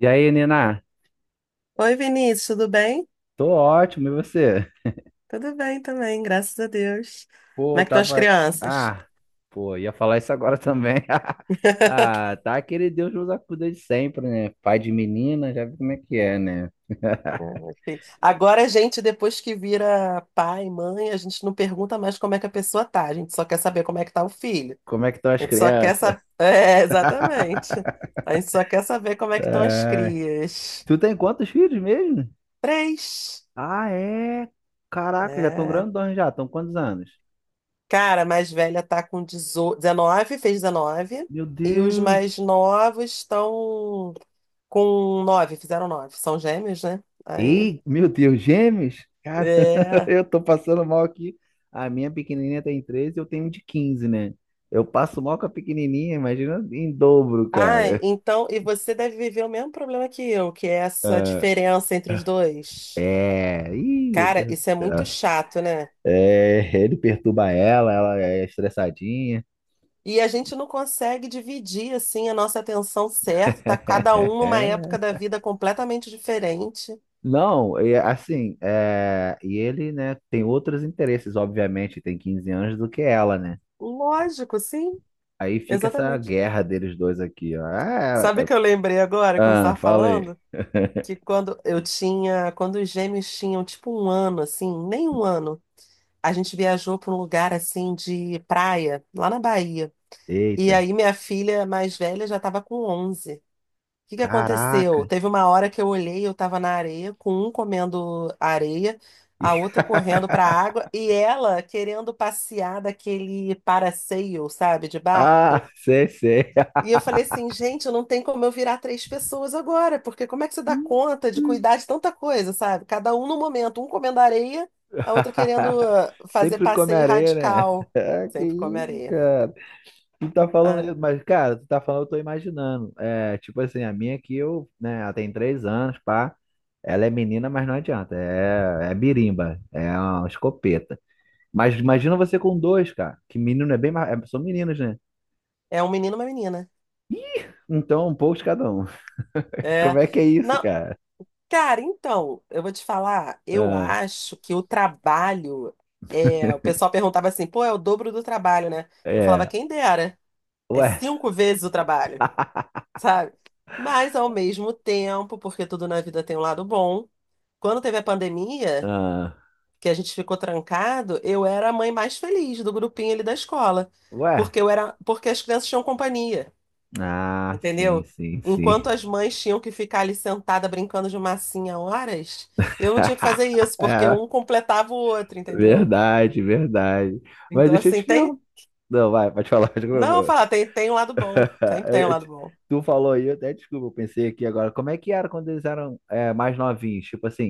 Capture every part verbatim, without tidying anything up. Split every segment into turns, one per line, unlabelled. E aí, Nina?
Oi, Vinícius, tudo bem?
Tô ótimo, e você?
Tudo bem também, graças a Deus. Como
Pô,
é que estão as
tava.
crianças?
Ah, pô, ia falar isso agora também. Ah, tá aquele Deus nos acuda de sempre, né? Pai de menina, já vi como é que é, né?
Enfim, agora a gente, depois que vira pai, mãe, a gente não pergunta mais como é que a pessoa tá, a gente só quer saber como é que tá o filho.
Como é que estão
A
as
gente só quer
crianças?
saber. É, exatamente. A gente só quer saber como é que estão as crias.
Tu tem quantos filhos mesmo?
Três.
Ah, é? Caraca, já estão
É.
grandões já, estão quantos anos?
Cara, a mais velha tá com dezo, dezenove, fez dezenove.
Meu
E os
Deus!
mais novos estão com nove, fizeram nove. São gêmeos, né? Aí.
Ei, meu Deus, gêmeos? Cara,
É.
eu tô passando mal aqui. A minha pequenininha tem treze, eu tenho um de quinze, né? Eu passo mal com a pequenininha, imagina em dobro,
Ah,
cara.
então. E você deve viver o mesmo problema que eu, que é essa diferença entre os dois.
É, ih, meu
Cara,
Deus do
isso é muito
céu.
chato, né?
É, ele perturba ela, ela é estressadinha.
E a gente não consegue dividir, assim, a nossa atenção certa. Tá cada um numa época da vida completamente diferente.
Não, é assim, é, e ele, né, tem outros interesses, obviamente, tem quinze anos do que ela, né?
Lógico, sim.
Aí fica essa
Exatamente.
guerra deles dois aqui, ó. Ah,
Sabe o
é-
que eu lembrei agora quando você
ah,
estava
fala aí.
falando? Que quando eu tinha, quando os gêmeos tinham tipo um ano, assim, nem um ano, a gente viajou para um lugar assim de praia, lá na Bahia. E
Eita,
aí minha filha mais velha já estava com onze. O que que
caraca.
aconteceu? Teve uma hora que eu olhei, eu estava na areia, com um comendo areia, a outra correndo para a água e ela querendo passear daquele paraceio, sabe, de barco.
Ah, sei, sei.
E eu falei assim, gente, eu não tem como eu virar três pessoas agora, porque como é que você dá conta de cuidar de tanta coisa, sabe? Cada um no momento, um comendo areia, a outra querendo ah, fazer
Sempre come
passeio
areia, né?
radical.
Ah, Que
Sempre come
isso,
areia.
cara. Tu tá falando
Ah,
aí, mas, cara, tu tá falando, eu tô imaginando. É, tipo assim, a minha aqui, eu, né, ela tem três anos, pá. Ela é menina, mas não adianta. É, é birimba, é uma escopeta. Mas imagina você com dois, cara. Que menino é bem mais. é- São meninos, né?
é um menino, e uma menina.
Então, um pouco de cada um. Como
É.
é que é isso,
Não,
cara?
cara, então, eu vou te falar, eu
Ah,
acho que o trabalho é, o pessoal perguntava assim, pô, é o dobro do trabalho, né? Eu falava,
é.
quem dera, é
Ué.
cinco vezes o trabalho. Sabe? Mas ao mesmo tempo, porque tudo na vida tem um lado bom, quando teve a pandemia,
Ah,
que a gente ficou trancado, eu era a mãe mais feliz do grupinho ali da escola,
ué?
porque eu era, porque as crianças tinham companhia,
Ah, sim,
entendeu?
sim, sim.
Enquanto as mães tinham que ficar ali sentada brincando de massinha horas, eu não tinha que fazer isso, porque
É,
um completava o outro, entendeu?
verdade, verdade. Mas
Então
deixa eu
assim,
te
tem,
perguntar. Não, vai, pode falar.
não, eu vou falar,
desculpa.
tem tem um lado bom, sempre
Eu-
tem um
eu
lado
te-
bom.
Tu falou aí, eu até desculpa, eu pensei aqui agora. Como é que era quando eles eram é, mais novinhos? Tipo assim,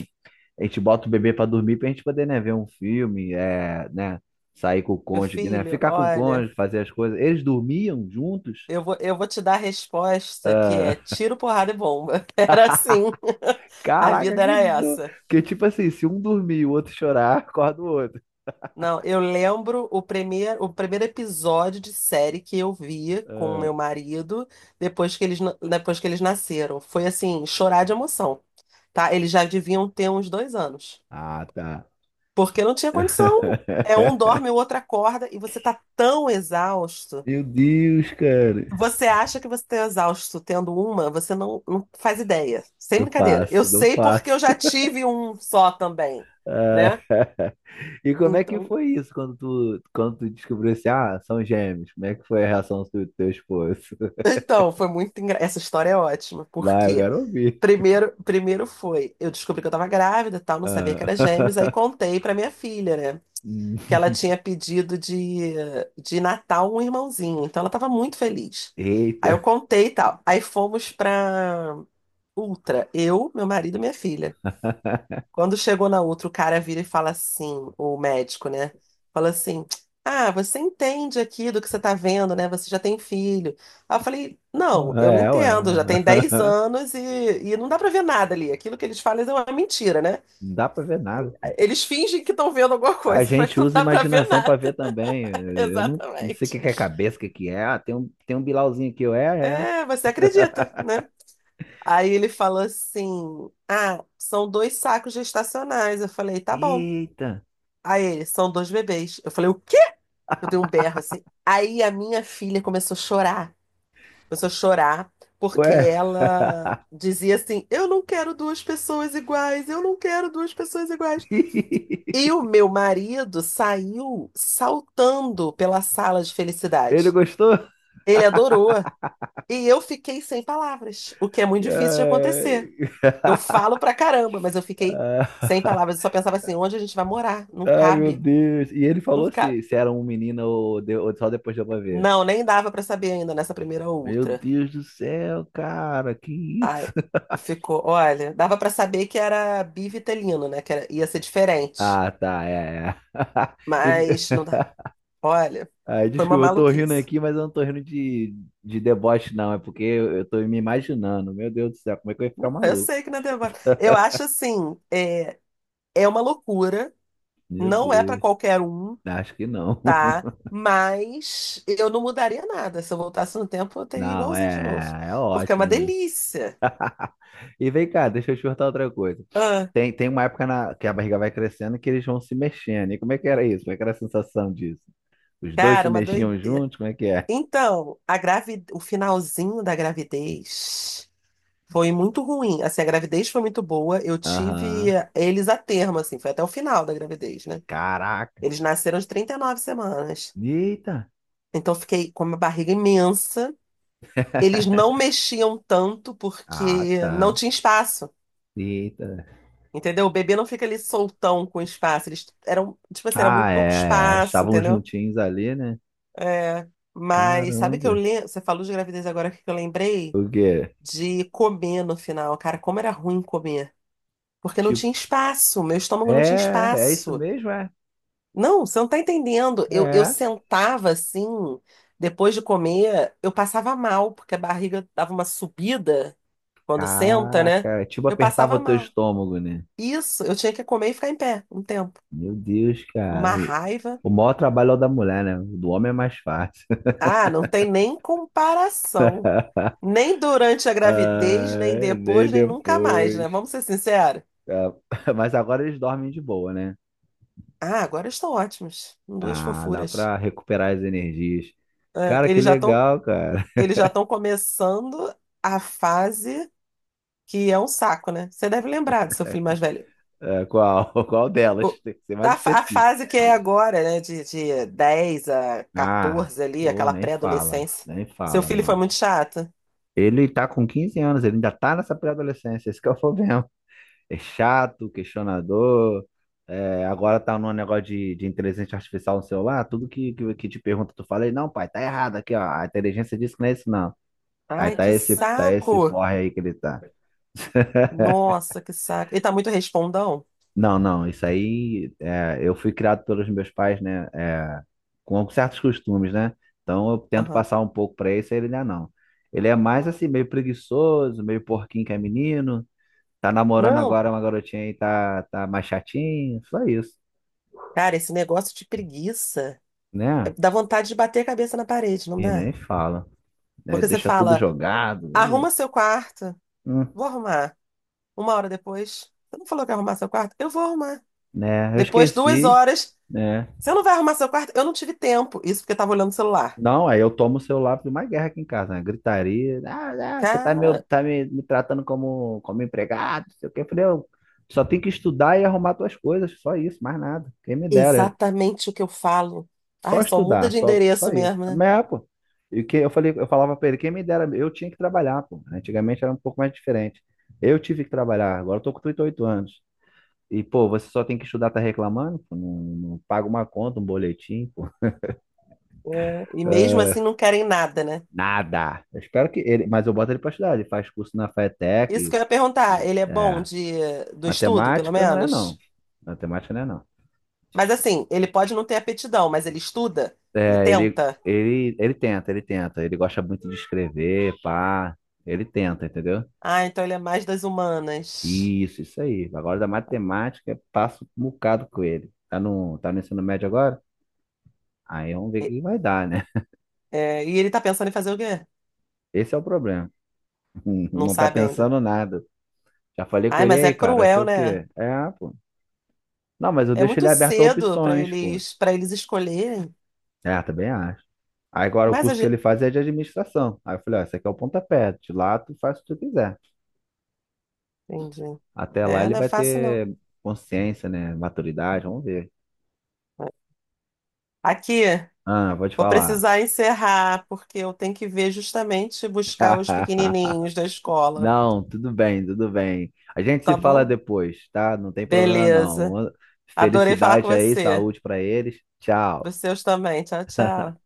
a gente bota o bebê pra dormir pra gente poder, né, ver um filme, é, né, sair com o
Meu
cônjuge, né,
filho,
ficar com o
olha,
cônjuge, fazer as coisas. Eles dormiam juntos?
Eu vou, eu vou te dar a resposta que é
Ah,
tiro, porrada e bomba. Era assim. A
caraca,
vida
que
era
do...
essa.
Porque, tipo assim, se um dormir e o outro chorar, acorda o outro.
Não, eu lembro o primeiro, o primeiro episódio de série que eu vi com o
Ah,
meu marido depois que eles, na- depois que eles nasceram. Foi assim, chorar de emoção, tá? Eles já deviam ter uns dois anos.
Ah, tá.
Porque não tinha condição. É um dorme, o outro acorda, e você tá tão exausto.
Meu Deus, cara.
Você acha que você está exausto tendo uma, você não, não faz ideia. Sem
Não
brincadeira. Eu
faço, não
sei porque eu
faço.
já tive um só também,
Ah,
né?
E como é que
Então,
foi isso quando tu, quando tu descobriu assim, ah, são gêmeos? Como é que foi a reação do teu esposo?
então foi muito engra... Essa história é ótima,
Vai, eu
porque
quero ouvir.
primeiro, primeiro foi, eu descobri que eu estava grávida, e tal, não sabia que era gêmeos, aí
Ah.
contei para minha filha, né? Que
Hum,
ela tinha pedido de, de Natal um irmãozinho, então ela estava muito feliz. Aí eu
eita.
contei e tal. Aí fomos para Ultra, eu, meu marido e minha filha, né? Quando chegou na outra, o cara vira e fala assim, o médico, né? Fala assim: ah, você entende aqui do que você tá vendo, né? Você já tem filho. Aí eu falei: não, eu não
É, ué.
entendo. Já tem dez anos e, e não dá pra ver nada ali. Aquilo que eles falam é uma mentira, né?
Não dá pra ver nada, pô.
Eles fingem que estão vendo alguma
A
coisa, mas
gente
não
usa
dá pra ver
imaginação pra
nada.
ver também. Eu não, não sei o
Exatamente.
que que é cabeça, o que que é. Ah, tem um, tem um bilauzinho aqui. Eu, é, é.
É, você acredita, né? Aí ele falou assim: ah, são dois sacos gestacionais. Eu falei: tá bom.
Eita.
Aí ele: são dois bebês. Eu falei: o quê? Eu dei um berro assim. Aí a minha filha começou a chorar. Começou a chorar porque
Ué,
ela dizia assim: eu não quero duas pessoas iguais, eu não quero duas pessoas iguais. E o meu marido saiu saltando pela sala de
ele
felicidade.
gostou?
Ele adorou. E eu fiquei sem palavras, o que é muito difícil de acontecer.
Ai,
Eu falo pra caramba, mas eu fiquei
ah,
sem palavras. Eu só pensava assim: onde a gente vai morar? Não
ah, meu
cabe,
Deus. E ele
não
falou
cabe.
se, se era um menino ou, de- ou só depois deu pra ver.
Não, nem dava pra saber ainda nessa primeira
Meu
ultra.
Deus do céu, cara, que isso?
Ai, ficou. Olha, dava pra saber que era bivitelino, né? Que era- ia ser diferente.
Ah, tá, é, é. E-
Mas não dá. Olha,
ah,
foi uma
desculpa, eu tô rindo
maluquice.
aqui, mas eu não tô rindo de, de deboche, não. É porque eu, eu tô me imaginando. Meu Deus do céu, como é que eu ia ficar
Não, eu
maluco?
sei que não é demora. Eu acho assim, é, é uma loucura.
Meu
Não é pra
Deus,
qualquer um,
acho que não.
tá? Mas eu não mudaria nada. Se eu voltasse no tempo, eu teria
Não,
igualzinho de novo.
é, é
Porque é uma
ótimo, né?
delícia.
E vem cá, deixa eu te perguntar outra coisa.
Ah,
Tem, tem uma época na, que a barriga vai crescendo que eles vão se mexendo. E como é que era isso? Como é que era a sensação disso? Os dois se
cara, uma
mexiam
doideira.
juntos? Como é que é?
Então, a gravi... o finalzinho da gravidez. Foi muito ruim. Assim, a gravidez foi muito boa. Eu tive
Aham.
eles a termo, assim, foi até o final da gravidez, né?
Caraca.
Eles nasceram de trinta e nove semanas.
Eita.
Então, eu fiquei com uma barriga imensa. Eles não mexiam tanto
Ah,
porque não
tá.
tinha espaço,
Eita.
entendeu? O bebê não fica ali soltão com espaço. Eles eram, tipo assim, era
Ah,
muito pouco
é, é.
espaço,
Estavam
entendeu?
juntinhos ali, né?
É, mas sabe que eu
Caramba.
lembro? Você falou de gravidez agora que eu lembrei
O quê?
de comer no final. Cara, como era ruim comer. Porque não
Tipo,
tinha espaço, meu estômago não tinha
é, é isso
espaço.
mesmo, é?
Não, você não tá entendendo. Eu, eu
É.
sentava assim, depois de comer, eu passava mal, porque a barriga dava uma subida quando senta, né?
Caraca. Tipo,
Eu
apertava o
passava
teu
mal.
estômago, né?
Isso, eu tinha que comer e ficar em pé um tempo.
Meu Deus, cara.
Uma
E-
raiva.
O maior trabalho é o da mulher, né? O do homem é mais fácil.
Ah, não tem nem comparação. Nem durante a gravidez, nem
Ah, nem
depois, nem nunca mais,
depois.
né? Vamos ser sinceros.
Ah, mas agora eles dormem de boa, né?
Ah, agora estão ótimos. Duas
Ah, dá
fofuras.
pra recuperar as energias.
Ah,
Cara, que
eles já estão
legal, cara.
eles já estão começando a fase que é um saco, né? Você deve lembrar do seu filho mais velho.
É, qual, qual delas?
O-
Tem que ser mais
A, fa- a
específico.
fase que é agora, né? De, de dez a
Ah,
catorze ali,
pô,
aquela
nem fala.
pré-adolescência.
Nem
Seu
fala,
filho foi
mano.
muito chato?
Ele tá com quinze anos, ele ainda tá nessa pré-adolescência, esse que é o problema. é chato, questionador. é, agora tá num negócio de, de inteligência artificial no celular, tudo que, que, que te pergunta, tu fala aí, não, pai, tá errado aqui, ó. A inteligência disse que não é isso, não. Aí
Ai,
tá
que
esse, tá esse
saco!
porre aí que ele tá.
Nossa, que saco. Ele tá muito respondão?
Não, não, isso aí é, eu fui criado pelos meus pais, né? é, com certos costumes, né? Então eu tento
Aham.
passar um pouco pra esse, aí ele não é não. Ele é mais assim, meio preguiçoso, meio porquinho que é menino, tá namorando
Não,
agora uma garotinha aí, tá, tá mais chatinho, só isso,
cara, esse negócio de preguiça.
né?
Dá vontade de bater a cabeça na parede, não
E
dá?
nem fala, né?
Porque você
Deixa tudo
fala,
jogado, e,
arruma seu quarto,
hum,
vou arrumar. Uma hora depois, você não falou que ia arrumar seu quarto? Eu vou arrumar.
né? Eu
Depois, duas
esqueci,
horas,
né?
você não vai arrumar seu quarto? Eu não tive tempo. Isso porque eu tava olhando o celular.
Não, aí eu tomo o celular para uma guerra aqui em casa, né? Gritaria, ah, ah, você tá, me,
Cara,
tá me, me tratando como, como empregado, não sei o quê. Eu falei, eu só tenho que estudar e arrumar tuas coisas, só isso, mais nada. Quem me dera,
exatamente o que eu falo.
só
Ai, só muda
estudar,
de
só,
endereço
só isso.
mesmo, né?
Mas, é, pô, e que eu falei, eu falava para ele, quem me dera, eu tinha que trabalhar, pô. Antigamente era um pouco mais diferente. Eu tive que trabalhar, agora eu tô com trinta e oito anos. E, pô, você só tem que estudar, tá reclamando? Pô? Não, não paga uma conta, um boletim, pô.
É, e mesmo assim não querem nada, né?
Nada. Eu espero que ele, mas eu boto ele pra estudar. Ele faz curso na
Isso
FATEC.
que eu ia perguntar, ele é bom
É,
de, do estudo, pelo
matemática não é, não.
menos?
Matemática não é, não.
Mas assim, ele pode não ter aptidão, mas ele estuda? Ele
É, ele,
tenta?
ele, ele tenta, ele tenta. Ele gosta muito de escrever, pá. Ele tenta, entendeu?
Ah, então ele é mais das humanas.
Isso, isso aí. Agora da matemática, passo um bocado com ele. Tá no, tá no ensino médio agora? Aí vamos ver o
E-
que vai dar, né?
é, e ele tá pensando em fazer o quê?
Esse é o problema.
Não
Não tá
sabe ainda.
pensando nada. Já falei com
Ai,
ele
mas
aí,
é
cara, vai ser
cruel,
o
né?
quê? É, pô. Não, mas eu
É
deixo ele
muito
aberto a
cedo pra
opções, pô.
eles para eles escolherem.
É, também acho. Aí agora o
Mas a
curso que ele
gente...
faz é de administração. Aí eu falei, ó, esse aqui é o pontapé, de lá tu faz o que tu quiser.
Entendi.
Até lá
É,
ele
não é
vai
fácil, não.
ter consciência, né? Maturidade, vamos ver.
Aqui,
Ah, vou te
vou
falar.
precisar encerrar, porque eu tenho que ver justamente buscar os pequenininhos da escola,
Não, tudo bem, tudo bem. A gente se
tá
fala
bom?
depois, tá? Não tem problema
Beleza.
não.
Adorei falar com
Felicidade aí,
você.
saúde pra eles.
Para
Tchau.
os seus também. Tchau, tchau.